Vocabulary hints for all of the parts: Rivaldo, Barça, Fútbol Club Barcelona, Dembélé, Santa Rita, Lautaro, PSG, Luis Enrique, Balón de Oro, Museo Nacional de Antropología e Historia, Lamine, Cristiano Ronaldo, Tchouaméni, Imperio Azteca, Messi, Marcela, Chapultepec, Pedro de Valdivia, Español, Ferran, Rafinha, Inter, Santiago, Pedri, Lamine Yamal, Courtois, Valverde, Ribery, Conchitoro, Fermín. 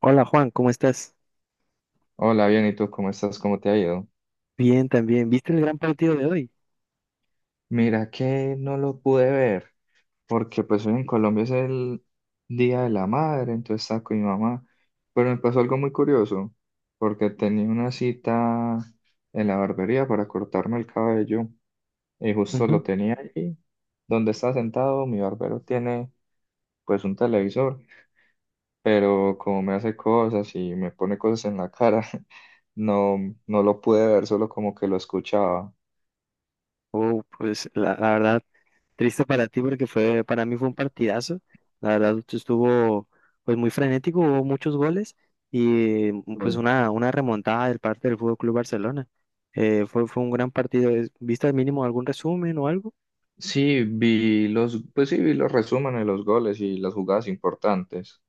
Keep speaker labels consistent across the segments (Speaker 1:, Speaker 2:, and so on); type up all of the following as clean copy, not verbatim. Speaker 1: Hola Juan, ¿cómo estás?
Speaker 2: Hola, bien, ¿y tú cómo estás? ¿Cómo te ha ido?
Speaker 1: Bien, también. ¿Viste el gran partido de hoy?
Speaker 2: Mira que no lo pude ver, porque pues hoy en Colombia es el Día de la Madre, entonces estaba con mi mamá, pero me pasó algo muy curioso, porque tenía una cita en la barbería para cortarme el cabello y justo lo
Speaker 1: Ujú.
Speaker 2: tenía allí, donde estaba sentado, mi barbero tiene pues un televisor, pero como me hace cosas y me pone cosas en la cara, no, no lo pude ver, solo como que lo escuchaba.
Speaker 1: Oh, pues la verdad, triste para ti porque para mí fue un partidazo. La verdad, estuvo pues muy frenético, hubo muchos goles y pues una remontada del parte del Fútbol Club Barcelona. Fue un gran partido. ¿Viste al mínimo algún resumen o algo?
Speaker 2: Sí, pues sí, vi los resúmenes de los goles y las jugadas importantes.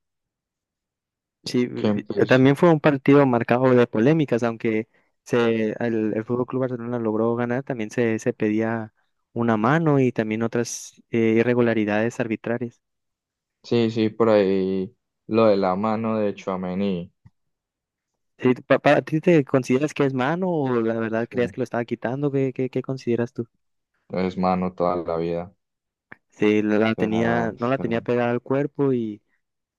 Speaker 1: Sí,
Speaker 2: Que pues,
Speaker 1: también fue un partido marcado de polémicas, aunque el Fútbol Club Barcelona logró ganar, también se pedía una mano y también otras irregularidades arbitrarias.
Speaker 2: sí, sí, por ahí lo de la mano de Tchouaméni.
Speaker 1: Sí, ¿Para ti te consideras que es mano o la verdad
Speaker 2: Sí.
Speaker 1: creías que lo estaba quitando? ¿Qué consideras tú?
Speaker 2: Es mano toda la vida.
Speaker 1: Sí, la
Speaker 2: O
Speaker 1: tenía,
Speaker 2: sea,
Speaker 1: no la
Speaker 2: sí,
Speaker 1: tenía pegada al cuerpo y,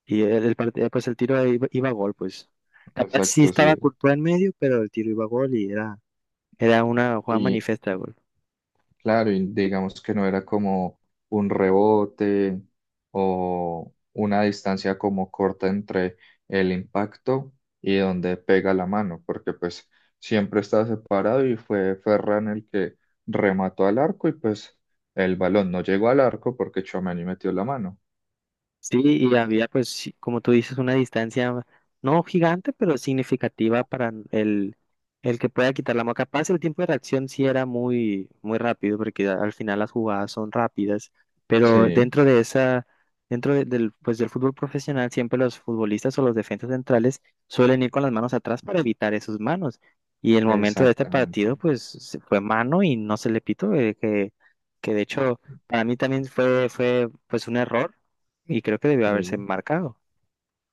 Speaker 1: pues el tiro iba a gol, pues. Capaz sí
Speaker 2: exacto,
Speaker 1: estaba
Speaker 2: sí.
Speaker 1: Courtois en medio, pero el tiro iba a gol era una jugada
Speaker 2: Y,
Speaker 1: manifiesta.
Speaker 2: Claro, y digamos que no era como un rebote o una distancia como corta entre el impacto y donde pega la mano, porque pues siempre estaba separado y fue Ferran el que remató al arco y pues el balón no llegó al arco porque Tchouaméni metió la mano.
Speaker 1: Sí, y había, pues, sí, como tú dices, una distancia no gigante, pero significativa para el que pueda quitar la mano. Capaz el tiempo de reacción sí era muy rápido, porque al final las jugadas son rápidas, pero
Speaker 2: Sí,
Speaker 1: dentro de esa, dentro de- del, pues, del fútbol profesional, siempre los futbolistas o los defensas centrales suelen ir con las manos atrás para evitar esas manos. Y el momento de este
Speaker 2: exactamente.
Speaker 1: partido, pues, fue mano y no se le pitó, que de hecho, para mí también fue, pues, un error y creo que debió haberse
Speaker 2: Sí.
Speaker 1: marcado.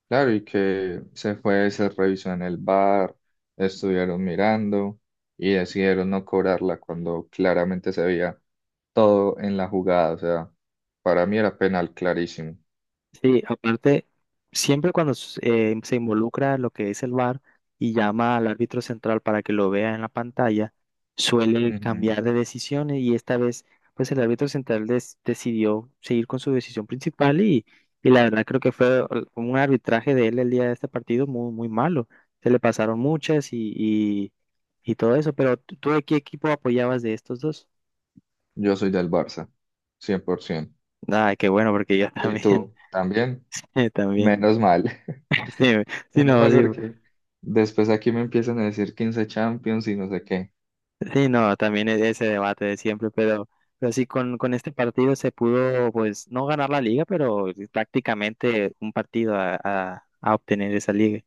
Speaker 2: Claro, y que se fue, se revisó en el bar, estuvieron mirando y decidieron no cobrarla cuando claramente se veía todo en la jugada. O sea, para mí era penal clarísimo.
Speaker 1: Sí, aparte, siempre cuando se involucra lo que es el VAR y llama al árbitro central para que lo vea en la pantalla, suele
Speaker 2: Ujú.
Speaker 1: cambiar de decisiones y esta vez, pues el árbitro central decidió seguir con su decisión principal y la verdad creo que un arbitraje de él el día de este partido muy malo. Se le pasaron muchas y todo eso, pero ¿tú de qué equipo apoyabas de estos dos?
Speaker 2: Yo soy del Barça, 100%.
Speaker 1: Ay, qué bueno, porque yo
Speaker 2: ¿Y
Speaker 1: también,
Speaker 2: tú también?
Speaker 1: también.
Speaker 2: Menos mal.
Speaker 1: Sí, sí,
Speaker 2: Menos
Speaker 1: no,
Speaker 2: mal
Speaker 1: sí,
Speaker 2: porque después aquí me empiezan a decir 15 Champions y no sé qué.
Speaker 1: sí, no, también ese debate de siempre, pero sí, con este partido se pudo, pues, no ganar la liga, pero prácticamente un partido a obtener esa liga.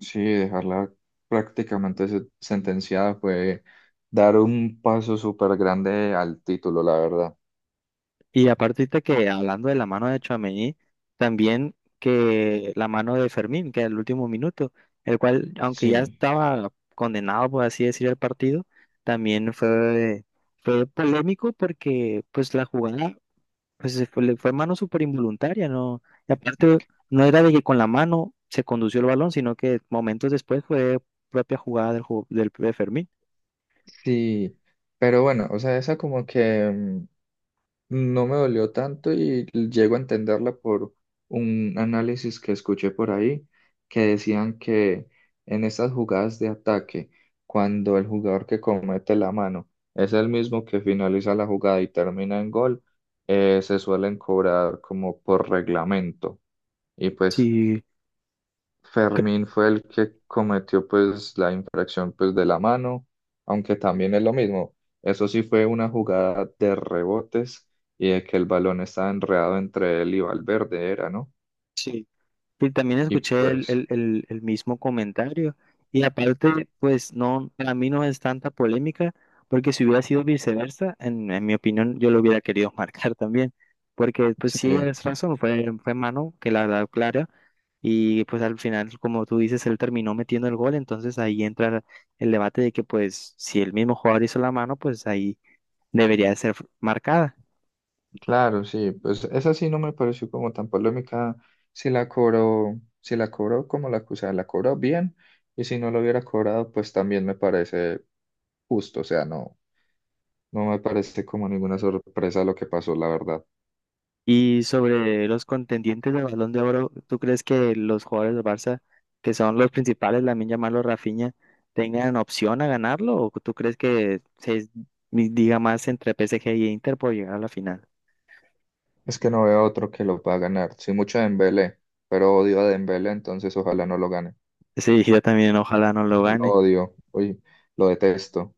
Speaker 2: Sí, dejarla prácticamente sentenciada fue dar un paso súper grande al título, la verdad.
Speaker 1: Y aparte ahorita que hablando de la mano de Tchouaméni, también que la mano de Fermín, que al último minuto, el cual, aunque ya
Speaker 2: Sí,
Speaker 1: estaba condenado, por así decir, el partido, también fue polémico porque, pues, la jugada. Pues se fue, le fue mano súper involuntaria, ¿no? Y aparte, no era de que con la mano se condució el balón, sino que momentos después fue propia jugada del de Fermín.
Speaker 2: sí, pero bueno, o sea, esa como que, no me dolió tanto y llego a entenderla por un análisis que escuché por ahí, que decían que en esas jugadas de ataque, cuando el jugador que comete la mano es el mismo que finaliza la jugada y termina en gol, se suelen cobrar como por reglamento. Y pues
Speaker 1: Sí, cre-
Speaker 2: Fermín fue el que cometió pues la infracción pues de la mano, aunque también es lo mismo. Eso sí fue una jugada de rebotes y de que el balón estaba enredado entre él y Valverde, era, ¿no?
Speaker 1: sí. Y también
Speaker 2: Y
Speaker 1: escuché
Speaker 2: pues,
Speaker 1: el mismo comentario. Y aparte, pues no, para mí no es tanta polémica, porque si hubiera sido viceversa, en mi opinión, yo lo hubiera querido marcar también. Porque, pues
Speaker 2: sí,
Speaker 1: sí, es razón, fue mano que la da clara. Y pues al final, como tú dices, él terminó metiendo el gol, entonces ahí entra el debate de que pues si el mismo jugador hizo la mano, pues ahí debería de ser marcada.
Speaker 2: claro, sí, pues esa sí no me pareció como tan polémica. Si la cobró como la acusada, la cobró bien, y si no lo hubiera cobrado, pues también me parece justo, o sea, no, no me parece como ninguna sorpresa lo que pasó, la verdad.
Speaker 1: Y sobre los contendientes del Balón de Oro, ¿tú crees que los jugadores del Barça, que son los principales, Lamine Yamal o Rafinha, tengan opción a ganarlo? ¿O tú crees que se diga más entre PSG y Inter por llegar a la final?
Speaker 2: Es que no veo otro que lo pueda ganar. Sí, mucho de Dembélé, pero odio a Dembélé, entonces ojalá no lo gane.
Speaker 1: Sí, yo también, ojalá no lo
Speaker 2: Lo
Speaker 1: gane.
Speaker 2: odio, uy, lo detesto.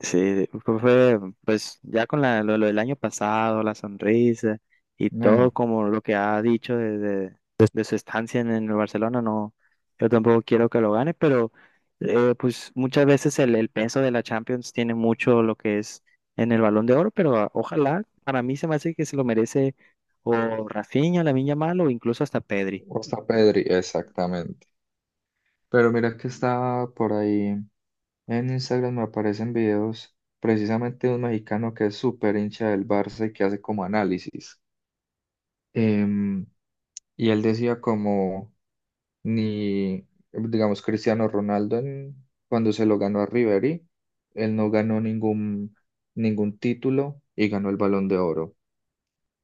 Speaker 1: Sí, pues ya con lo del año pasado, la sonrisa y todo
Speaker 2: Ah,
Speaker 1: como lo que ha dicho de su estancia en el Barcelona, no, yo tampoco quiero que lo gane, pero pues muchas veces el peso de la Champions tiene mucho lo que es en el Balón de Oro, pero ojalá, para mí se me hace que se lo merece o Rafinha, Lamine Yamal o incluso hasta Pedri.
Speaker 2: o está Pedri, exactamente. Pero mira que estaba por ahí en Instagram, me aparecen videos precisamente de un mexicano que es súper hincha del Barça y que hace como análisis. Em, y él decía como... ni, digamos, Cristiano Ronaldo cuando se lo ganó a Ribery, él no ganó ningún título y ganó el Balón de Oro.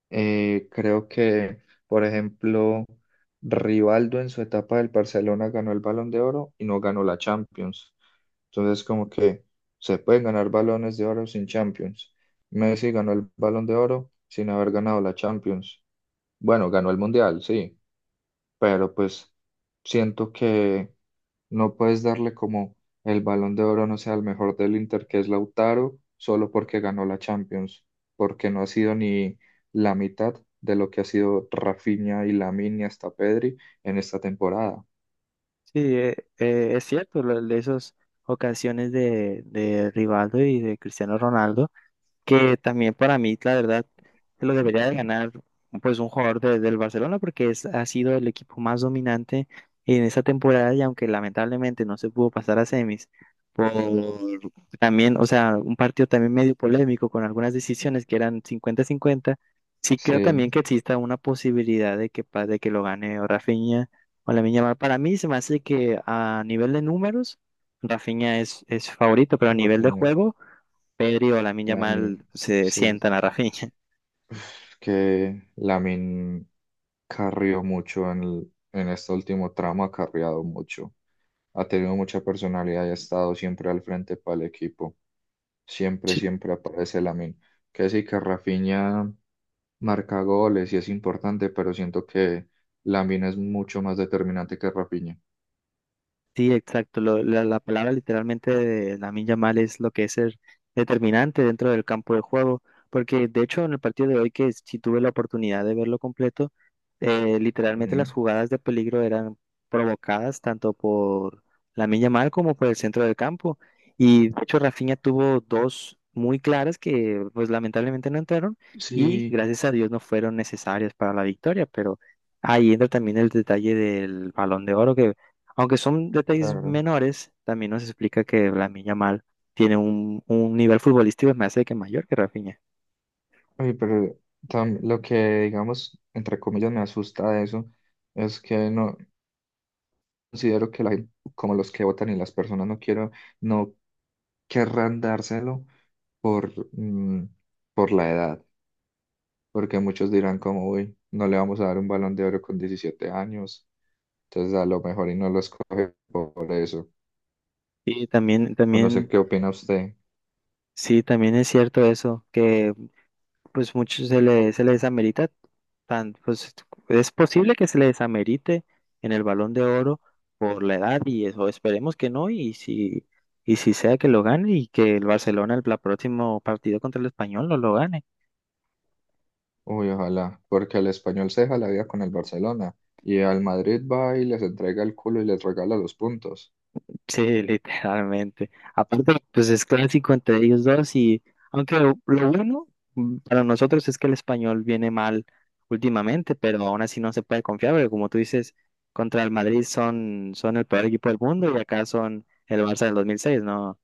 Speaker 2: Creo que, por ejemplo, Rivaldo en su etapa del Barcelona ganó el Balón de Oro y no ganó la Champions. Entonces, como que se pueden ganar balones de oro sin Champions. Messi ganó el Balón de Oro sin haber ganado la Champions. Bueno, ganó el Mundial, sí, pero pues siento que no puedes darle como el Balón de Oro, no sea el mejor del Inter, que es Lautaro, solo porque ganó la Champions, porque no ha sido ni la mitad de lo que ha sido Rafinha y Lamine y hasta Pedri en esta temporada.
Speaker 1: Sí, es cierto, de esas ocasiones de Rivaldo y de Cristiano Ronaldo. Que también para mí, la verdad, se lo debería de ganar pues un jugador del Barcelona porque es, ha sido el equipo más dominante en esta temporada y aunque lamentablemente no se pudo pasar a semis, por también, o sea, un partido también medio polémico con algunas decisiones que eran 50-50. Sí creo también
Speaker 2: Sí,
Speaker 1: que exista una posibilidad de que, de que lo gane o Rafinha o la Yamal. Para mí se me hace que a nivel de números, Rafinha es favorito, pero a nivel de
Speaker 2: Rafinha,
Speaker 1: juego... Pedri o Lamine
Speaker 2: Lamine,
Speaker 1: Yamal se
Speaker 2: sí,
Speaker 1: sientan a Rafinha.
Speaker 2: Uf, que Lamine carrió mucho en este último tramo, ha carriado mucho. Ha tenido mucha personalidad y ha estado siempre al frente para el equipo. Siempre, siempre aparece Lamine. Que sí que Rafinha marca goles y es importante, pero siento que Lamine es mucho más determinante que Rafinha.
Speaker 1: Sí, exacto. La palabra literalmente de Lamine Yamal es lo que es ser determinante dentro del campo de juego, porque de hecho en el partido de hoy que sí tuve la oportunidad de verlo completo, literalmente
Speaker 2: Ujú.
Speaker 1: las jugadas de peligro eran provocadas tanto por Lamine Yamal como por el centro del campo. Y de hecho Rafinha tuvo dos muy claras que pues lamentablemente no entraron y
Speaker 2: Sí,
Speaker 1: gracias a Dios no fueron necesarias para la victoria, pero ahí entra también el detalle del Balón de Oro que aunque son detalles
Speaker 2: claro.
Speaker 1: menores, también nos explica que Lamine Yamal tiene un nivel futbolístico más de que mayor que Rafinha.
Speaker 2: Oye, pero lo que, digamos, entre comillas, me asusta de eso es que no considero que como los que votan y las personas no querrán dárselo por, mm, por la edad. Porque muchos dirán como, uy, no le vamos a dar un balón de oro con 17 años, entonces a lo mejor y no lo escoge por eso.
Speaker 1: Y también,
Speaker 2: O no sé
Speaker 1: también,
Speaker 2: qué opina usted.
Speaker 1: sí, también es cierto eso, que pues muchos se les amerita, tan, pues es posible que se les amerite en el Balón de Oro por la edad y eso, esperemos que no, y si sea que lo gane y que el Barcelona la próximo partido contra el Español no lo gane.
Speaker 2: Uy, ojalá, porque al español se deja la vida con el Barcelona y al Madrid va y les entrega el culo y les regala los puntos.
Speaker 1: Sí, literalmente. Aparte, pues es clásico entre ellos dos y aunque lo bueno para nosotros es que el español viene mal últimamente, pero aún así no se puede confiar, porque como tú dices, contra el Madrid son el peor equipo del mundo y acá son el Barça del 2006. No,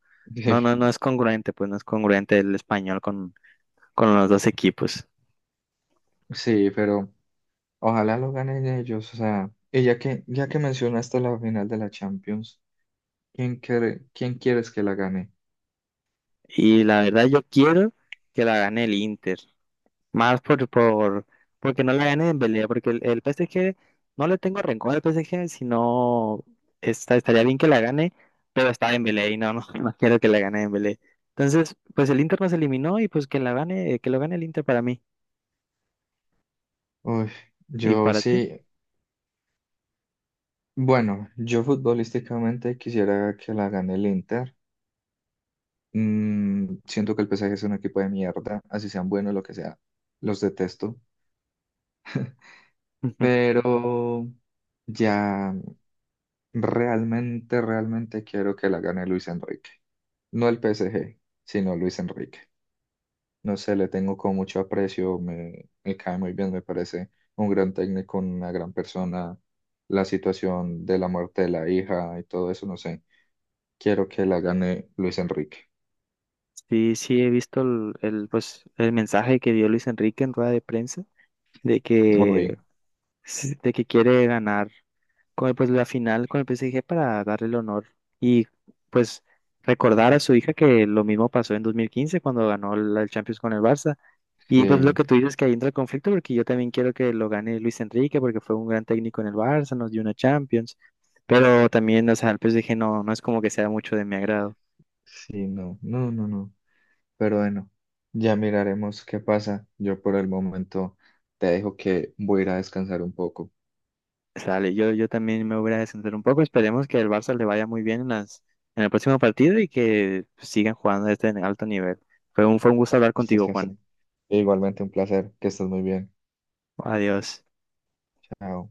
Speaker 1: no, no,
Speaker 2: Sí,
Speaker 1: no es congruente, pues no es congruente el español con los dos equipos.
Speaker 2: sí, pero ojalá lo ganen ellos, o sea, y ya que mencionaste la final de la Champions, ¿Quién quieres que la gane?
Speaker 1: Y la verdad yo quiero que la gane el Inter, más por porque no la gane Dembélé, porque el PSG no le tengo rencor al PSG, sino estaría bien que la gane, pero está Dembélé y no, no, no quiero que la gane Dembélé. Entonces, pues el Inter nos eliminó y pues que la gane, que lo gane el Inter para mí
Speaker 2: Uy,
Speaker 1: y
Speaker 2: yo
Speaker 1: para ti.
Speaker 2: sí. Bueno, yo futbolísticamente quisiera que la gane el Inter. Mm, siento que el PSG es un equipo de mierda, así sean buenos, lo que sea. Los detesto. Pero ya realmente, realmente quiero que la gane Luis Enrique. No el PSG, sino Luis Enrique. No sé, le tengo con mucho aprecio, me cae muy bien, me parece un gran técnico, una gran persona. La situación de la muerte de la hija y todo eso, no sé. Quiero que la gane Luis Enrique.
Speaker 1: Sí, sí he visto pues el mensaje que dio Luis Enrique en rueda de prensa de que
Speaker 2: Uy,
Speaker 1: quiere ganar con pues, la final con el PSG para darle el honor y pues recordar a su hija que lo mismo pasó en 2015 cuando ganó la el Champions con el Barça. Y pues lo
Speaker 2: sí,
Speaker 1: que tú dices que ahí entra el conflicto porque yo también quiero que lo gane Luis Enrique porque fue un gran técnico en el Barça, nos dio una Champions, pero también, o sea, el PSG no, no es como que sea mucho de mi agrado.
Speaker 2: sí, no, no, no, no. Pero bueno, ya miraremos qué pasa. Yo por el momento te dejo que voy a ir a descansar un poco.
Speaker 1: Sale, yo también me voy a descender un poco, esperemos que el Barça le vaya muy bien en en el próximo partido y que sigan jugando a este alto nivel. Fue un gusto hablar
Speaker 2: Esto
Speaker 1: contigo,
Speaker 2: fue
Speaker 1: Juan.
Speaker 2: así. Igualmente un placer, que estés muy bien.
Speaker 1: Adiós.
Speaker 2: Chao.